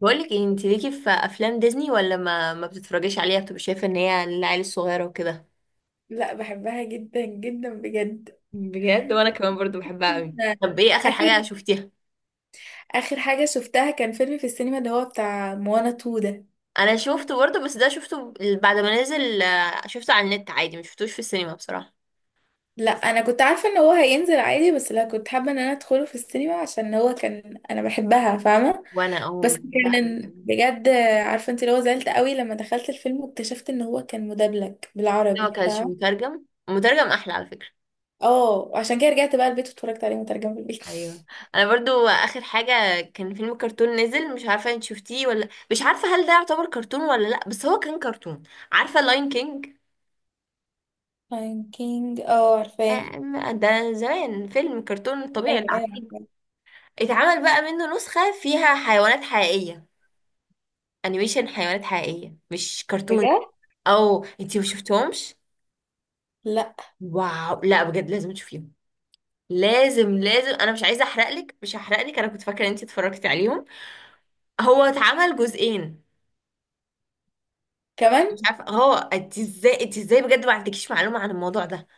بقولك ايه، انت ليكي في افلام ديزني ولا ما بتتفرجيش عليها، بتبقى شايفه ان هي للعيال الصغيره وكده؟ لا، بحبها جدا جدا بجد. بجد؟ وانا كنت كمان برضو بحبها قوي. طب ايه اخر اخر حاجه شفتيها؟ اخر حاجه شفتها كان فيلم في السينما اللي هو بتاع موانا 2 ده. انا شفته برضه، بس ده شفته بعد ما نزل. شفته على النت عادي، ما شفتوش في السينما بصراحه. لا، انا كنت عارفه ان هو هينزل عادي، بس لا كنت حابه ان انا ادخله في السينما عشان هو كان انا بحبها، فاهمه؟ وانا، او، بس لا، كان بجد. عارفه انت، اللي هو زعلت قوي لما دخلت الفيلم واكتشفت ان هو كان مدبلج ده ما بالعربي، كانش فاهمه؟ مترجم، مترجم احلى على فكره. اه، عشان كده رجعت بقى البيت واتفرجت عليه مترجم في البيت. ايوه. انا برضو اخر حاجه كان فيلم كرتون نزل، مش عارفه انت شفتيه ولا، مش عارفه هل ده يعتبر كرتون ولا لا، بس هو كان كرتون. عارفه لاين كينج؟ لاين كينج، اه عارفاه. آه، ده زمان فيلم كرتون طبيعي ايوه، اللي ايوه، عارفينه. عارفاه. اتعمل بقى منه نسخة فيها حيوانات حقيقية. انيميشن حيوانات حقيقية، مش كرتون. بجد. او، انتي ما شفتهمش؟ لا. واو، لا بجد لازم تشوفيهم. لازم لازم، انا مش عايزه احرقلك، مش هحرقلك. انا كنت فاكره ان انتي اتفرجتي عليهم. هو اتعمل جزئين. مش كمان. عارفه هو انت ازاي، انت ازاي بجد ما عندكيش معلومه عن الموضوع ده؟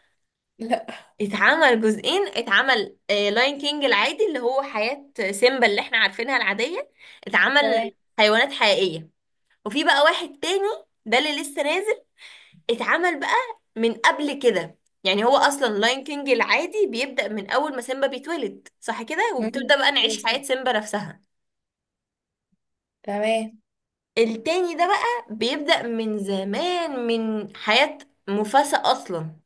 لا. اتعمل جزئين. اتعمل لاين كينج العادي اللي هو حياة سيمبا اللي احنا عارفينها العادية، تمام. اتعمل حيوانات حقيقية. وفي بقى واحد تاني، ده اللي لسه نازل. اتعمل بقى من قبل كده. يعني هو اصلا لاين كينج العادي بيبدأ من اول ما سيمبا بيتولد، صح كده، مم. وبتبدأ بقى أيوة، نعيش حياة صح. سيمبا نفسها. تمام. التاني ده بقى بيبدأ من زمان، من حياة مفاسا اصلا.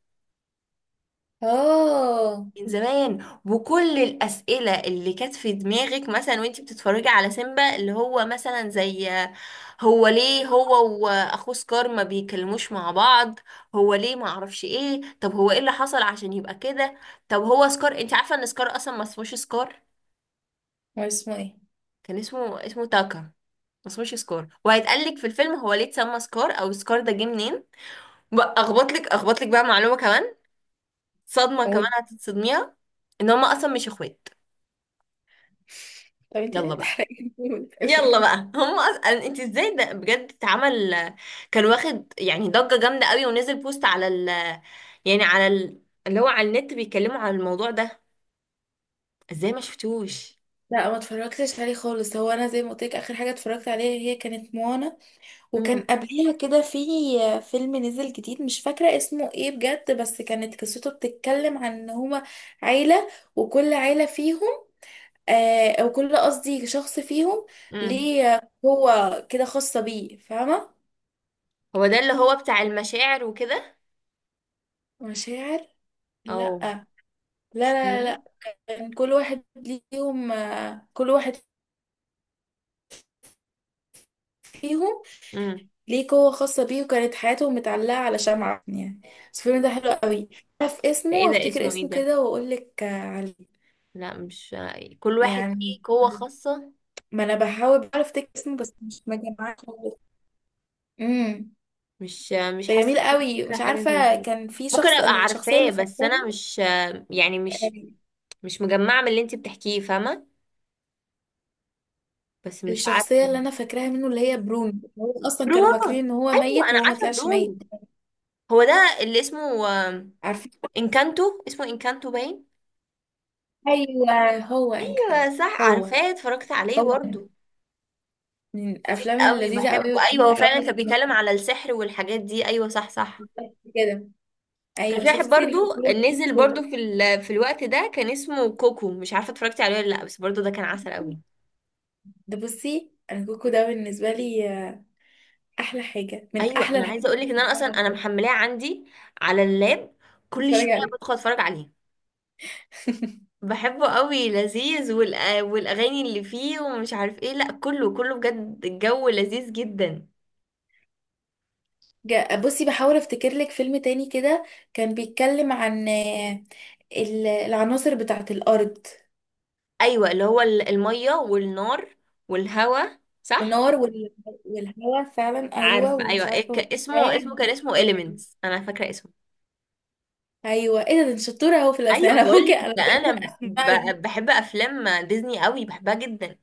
اوه. من زمان، وكل الأسئلة اللي كانت في دماغك مثلا وانتي بتتفرجي على سيمبا، اللي هو مثلا زي: هو ليه هو وأخوه سكار ما بيكلموش مع بعض؟ هو ليه ما اعرفش ايه؟ طب هو ايه اللي حصل عشان يبقى كده؟ طب هو سكار، انتي عارفة ان سكار اصلا ما اسموش سكار؟ هو اسمه ايه؟ كان اسمه تاكا، ما اسموش سكار. وهيتقال لك في الفيلم هو ليه اتسمى سكار او سكار ده جه منين. بقى اخبط لك بقى معلومة كمان، صدمة كمان قول. هتتصدميها، ان هما اصلا مش اخوات. طب انت ليه يلا بقى، بتحرقي؟ يلا بقى. هم اصلا انت ازاي ده بجد اتعمل؟ كان واخد يعني ضجة جامدة قوي، ونزل بوست على ال، يعني على ال، اللي هو على النت بيتكلموا عن الموضوع ده. ازاي ما شفتوش؟ لا، ما اتفرجتش عليه خالص. هو انا زي ما قلت لك، اخر حاجه اتفرجت عليها هي كانت موانا. وكان امم قبليها كده في فيلم نزل جديد، مش فاكره اسمه ايه بجد، بس كانت قصته بتتكلم عن ان هما عيله، وكل عيله فيهم، او كل قصدي شخص فيهم، امم ليه هو كده خاصه بيه، فاهمه؟ هو ده اللي هو بتاع المشاعر وكده؟ مشاعر؟ لا، او، لا، مش لا، لا، هو. لا. كان كل واحد ليهم آه، كل واحد فيهم امم ليه قوة خاصة بيه، وكانت حياته متعلقة على شمعة يعني. بس الفيلم ده حلو قوي. اعرف ده اسمه ايه ده، وافتكر اسمه ايه اسمه ده؟ كده واقول لك عليه. لا، مش كل واحد يعني، ليه قوة خاصة. ما انا بحاول بعرف افتكر اسمه بس مش مجمعاه خالص. امم مش ده حاسة جميل ان انا قوي. فاكرة مش حاجة زي عارفة، كده. كان في ممكن شخص، ابقى الشخصية عارفاه اللي بس انا فاكراها. مش، يعني مش آه، مش مجمعة من اللي انت بتحكيه فاهمة. بس مش الشخصية عارفة. اللي انا فاكراها منه اللي هي برونو، هو اصلا كانوا فاكرين برونو؟ ان هو أيوة، ميت انا وهو ما عارفة طلعش ميت. برونو. هو ده اللي اسمه عارفين. انكانتو، اسمه انكانتو باين. ايوه، هو انكانتو. ايوه صح، هو عارفاه، اتفرجت عليه هو برضو. من الافلام قوي اللذيذه قوي بحبه، ايوه والجميله هو فعلا قوي. كان بيتكلم على السحر والحاجات دي، ايوه صح صح. كده. كان ايوه، في واحد شفتي برضو، الكوكو؟ نزل برضو في في الوقت ده، كان اسمه كوكو. مش عارفة اتفرجت عليه ولا لا، بس برضو ده كان عسل قوي. ده بصي، انا الكوكو ده بالنسبه لي احلى حاجه من ايوه، احلى انا الحاجات عايزة اللي اقولك ان انا اصلا، انا بتتفرج. محملاه عندي على اللاب، كل بتفرج شوية عليه. بدخل اتفرج عليه. بحبه قوي، لذيذ، والاغاني اللي فيه ومش عارف ايه، لا كله كله بجد، الجو لذيذ جدا. بصي بحاول افتكر لك فيلم تاني كده، كان بيتكلم عن العناصر بتاعه الارض. ايوه، اللي هو الميه والنار والهوا، صح. النار والهواء فعلا، ايوه، عارفه ومش ايوه، إيه، عارفه اسمه والسحاب كان اسمه والحاجات دي. Elements، انا فاكره اسمه. ايوه، ايه ده أنت شطوره اهو في الاسماء. ايوه انا بقول ممكن لك انا ده بجد انا ب... الاسماء. بحب افلام ديزني قوي، بحبها جدا.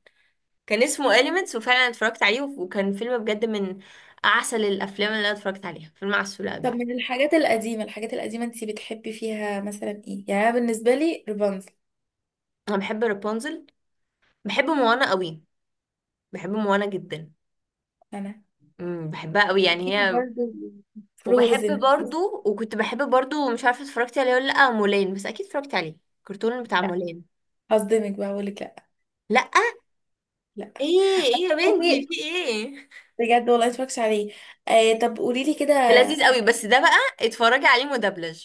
كان اسمه Elements، وفعلا اتفرجت عليه وكان فيلم بجد من اعسل الافلام اللي انا اتفرجت عليها، فيلم عسول قوي. طب من الحاجات القديمة، انتي بتحبي فيها مثلا ايه يعني؟ أنا بالنسبة لي رابنزل. انا بحب رابونزل، بحب موانا قوي، بحب موانا جدا. انا بحبها قوي يعني في هي. برضه وبحب فروزن. برضو، وكنت بحب برضو، مش عارفه اتفرجتي عليه ولا لا مولان، بس اكيد اتفرجتي عليه الكرتون بتاع لا، مولان. هصدمك بقى، هقول لك لا. لا. لا. ايه؟ ايه يا تعرفي؟ بنتي، في ايه؟ بجد والله متفرجش عليه. آه طب قولي لي كده. ده لذيذ قوي، بس ده بقى اتفرجي عليه مدبلج.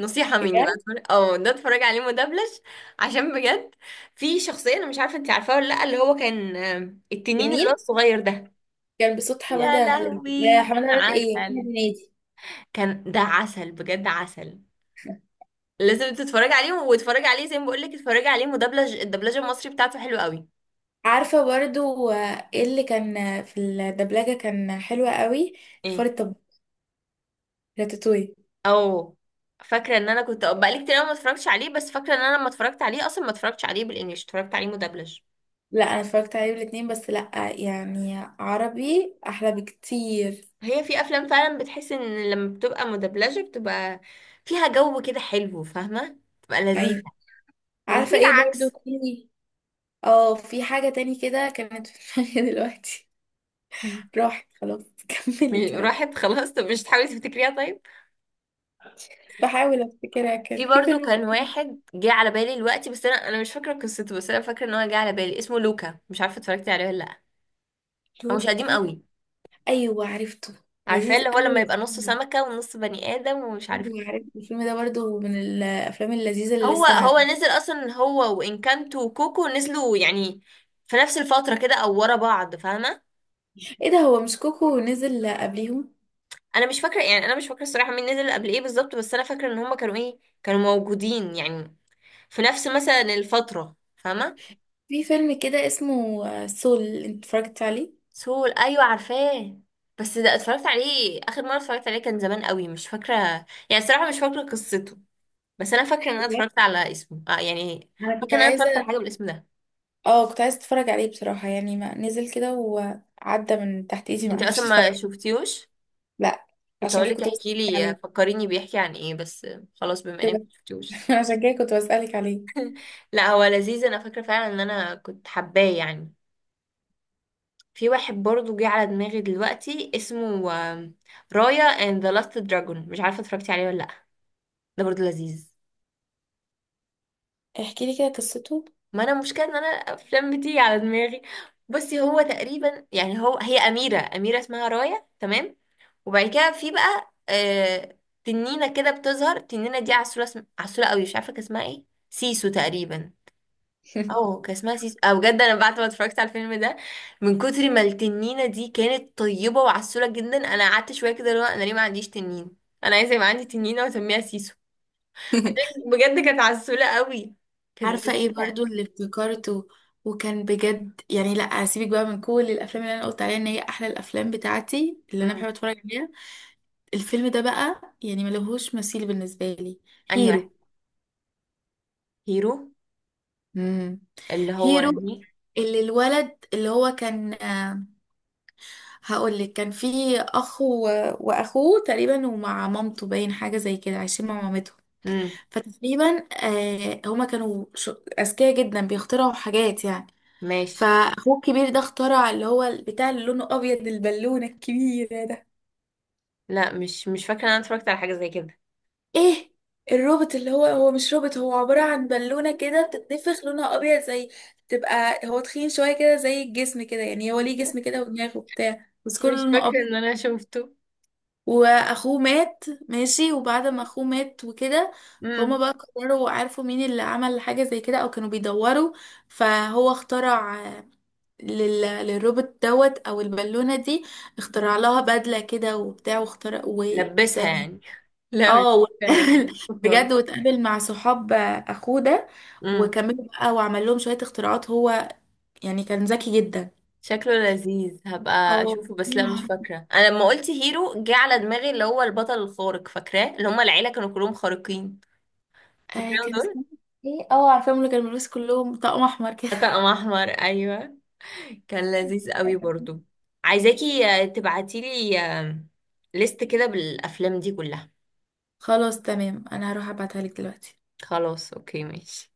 نصيحه مني بجد. بقى، ده اتفرجي عليه مدبلج. عشان بجد، في شخصيه انا مش عارفه انت عارفاها ولا لا، اللي هو كان التنين تنين؟ اللي هو الصغير ده. كان بصوت يا حمادة هلال. لا، لهوي حمادة كان هلال؟ ايه، أحمد عسل، هنيدي. كان ده عسل بجد، عسل. لازم تتفرجي عليه، واتفرجي عليه زي ما بقول لك، اتفرجي عليه مدبلج. الدبلجه المصري بتاعته حلوه قوي. عارفة برضو ايه اللي كان في الدبلجة كان حلوة قوي. الفار ايه. الطباخ. راتاتوي. او، فاكره ان انا كنت بقالي كتير أوي ما اتفرجتش عليه، بس فاكره ان انا لما اتفرجت عليه اصلا ما اتفرجتش عليه بالانجلش، اتفرجت عليه مدبلج. لا، انا اتفرجت عليه الاتنين بس لا، يعني عربي احلى بكتير. هي في افلام فعلا بتحس ان لما بتبقى مدبلجه بتبقى فيها جو كده حلو فاهمه، بتبقى لذيذه. ايوه. وفي عارفه ايه برضو العكس. تاني؟ اه، في حاجه تاني كده كانت في دماغي دلوقتي. راحت خلاص. كملي كلام. راحت خلاص. طب مش تحاولي تفتكريها طيب؟ بحاول افتكرها، كان في في برضو فيلم. كان واحد جه على بالي دلوقتي، بس انا مش فاكره قصته، بس انا فاكره ان هو جه على بالي، اسمه لوكا، مش عارفه اتفرجتي عليه ولا لا. هو مش قديم توتال. قوي. ايوه عرفته. عارفاه، لذيذ اللي هو لما قوي. يبقى نصه سمكة ونص بني آدم ومش عارف ايوه ايه. عرفته، الفيلم ده برضو من الافلام اللذيذه اللي هو لسه هو نازله. نزل أصلا، هو وإنكانتو وكوكو نزلوا يعني في نفس الفترة كده، أو ورا بعض فاهمة. ايه ده، هو مش كوكو نزل قبليهم؟ أنا مش فاكرة، يعني أنا مش فاكرة الصراحة مين نزل قبل إيه بالظبط، بس أنا فاكرة إن هما كانوا موجودين يعني في نفس مثلا الفترة، فاهمة. في فيلم كده اسمه سول، انت اتفرجت عليه؟ سول؟ أيوة عارفاه، بس ده اتفرجت عليه آخر مرة، اتفرجت عليه كان زمان قوي، مش فاكرة يعني الصراحة، مش فاكرة قصته. بس أنا فاكرة إن أنا بجد؟ اتفرجت على اسمه، يعني انا كنت فاكرة إن أنا اتفرجت عايزه. على حاجة بالاسم ده. اه، كنت عايزه اتفرج عليه بصراحه، يعني ما نزل كده وعدى من تحت ايدي ما انت اصلا عرفتش. ما شفتيهوش؟ لا. كنت عشان كده هقولك كنت بسألك احكي لي عليه. فكريني بيحكي عن ايه بس، خلاص بما انك تبقى- ما شفتيهوش. عشان كده كنت بسألك عليه. لا هو لذيذ، انا فاكره فعلا ان انا كنت حباه يعني. في واحد برضو جه على دماغي دلوقتي اسمه رايا اند ذا لاست دراجون، مش عارفه اتفرجتي عليه ولا لا. ده برضو لذيذ. احكي لي كده قصته. ما انا المشكله ان انا افلام بتيجي على دماغي. بصي هو تقريبا يعني، هو، هي اميره اسمها رايا، تمام. وبعد كده في بقى تنينة كده بتظهر. التنينة دي عسولة، عسولة قوي، مش عارفة كان اسمها ايه، سيسو تقريبا. اه كان اسمها سيسو. اه بجد انا بعد ما اتفرجت على الفيلم ده، من كتر ما التنينة دي كانت طيبة وعسولة جدا، انا قعدت شوية كده اللي هو انا ليه ما عنديش تنين. انا عايزة يبقى عندي تنينة واسميها سيسو. بجد كانت عسولة قوي، كانت عارفة ايه جميلة. برضو اللي افتكرته؟ وكان بجد يعني، لا هسيبك بقى، من كل الافلام اللي انا قلت عليها ان هي احلى الافلام بتاعتي اللي انا بحب امم اتفرج عليها، الفيلم ده بقى يعني ملهوش مثيل بالنسبة لي. انهي هيرو. واحد؟ هيرو. امم. اللي هو هيرو. انهي؟ اللي الولد اللي هو كان. هقول لك كان فيه اخ واخوه تقريبا، ومع مامته باين، حاجة زي كده عايشين مع مامته. امم فتقريبا هما كانوا اذكياء جدا، بيخترعوا حاجات يعني. ماشي. فاخوه الكبير ده اخترع اللي هو البتاع اللي لونه ابيض، البالونه الكبيره ده. لا، مش فاكرة ان انا اتفرجت على حاجة زي كده. ايه؟ الروبوت، اللي هو هو مش روبوت، هو عباره عن بالونه كده بتتنفخ لونها ابيض، زي، تبقى هو تخين شويه كده زي الجسم كده، يعني هو ليه جسم كده ودماغ وبتاع، بس كله مش لونه فاكرة ابيض. ان انا شفته. واخوه مات ماشي، وبعد ما اخوه مات وكده، هما امم بقى قرروا، عارفوا مين اللي عمل حاجة زي كده او كانوا بيدوروا. فهو اخترع للروبوت دوت او البالونة دي، اخترع لها بدلة كده وبتاع، واخترع لبسها يعني؟ لا، مش اه فاكرة ان انا شفته خالص. بجد، واتقابل مع صحاب اخوه ده، امم وكملوا بقى وعمل لهم شوية اختراعات هو، يعني كان ذكي جدا. شكله لذيذ، هبقى اه اشوفه بس يا لا، مش نهار! فاكرة. انا لما قلت هيرو جه على دماغي اللي هو البطل الخارق، فاكراه اللي هما العيلة كانوا كلهم خارقين، آه فاكراهم كان دول. اسمه ايه؟ اه عارفاهم، اللي كانوا بيلبسوا كلهم طقم احمر كده. طقم احمر، ايوه، كان لذيذ قوي برضو. عايزاكي، تبعتيلي، ليست كده بالافلام دي كلها. خلاص تمام، انا هروح ابعتها لك دلوقتي. خلاص، اوكي، ماشي.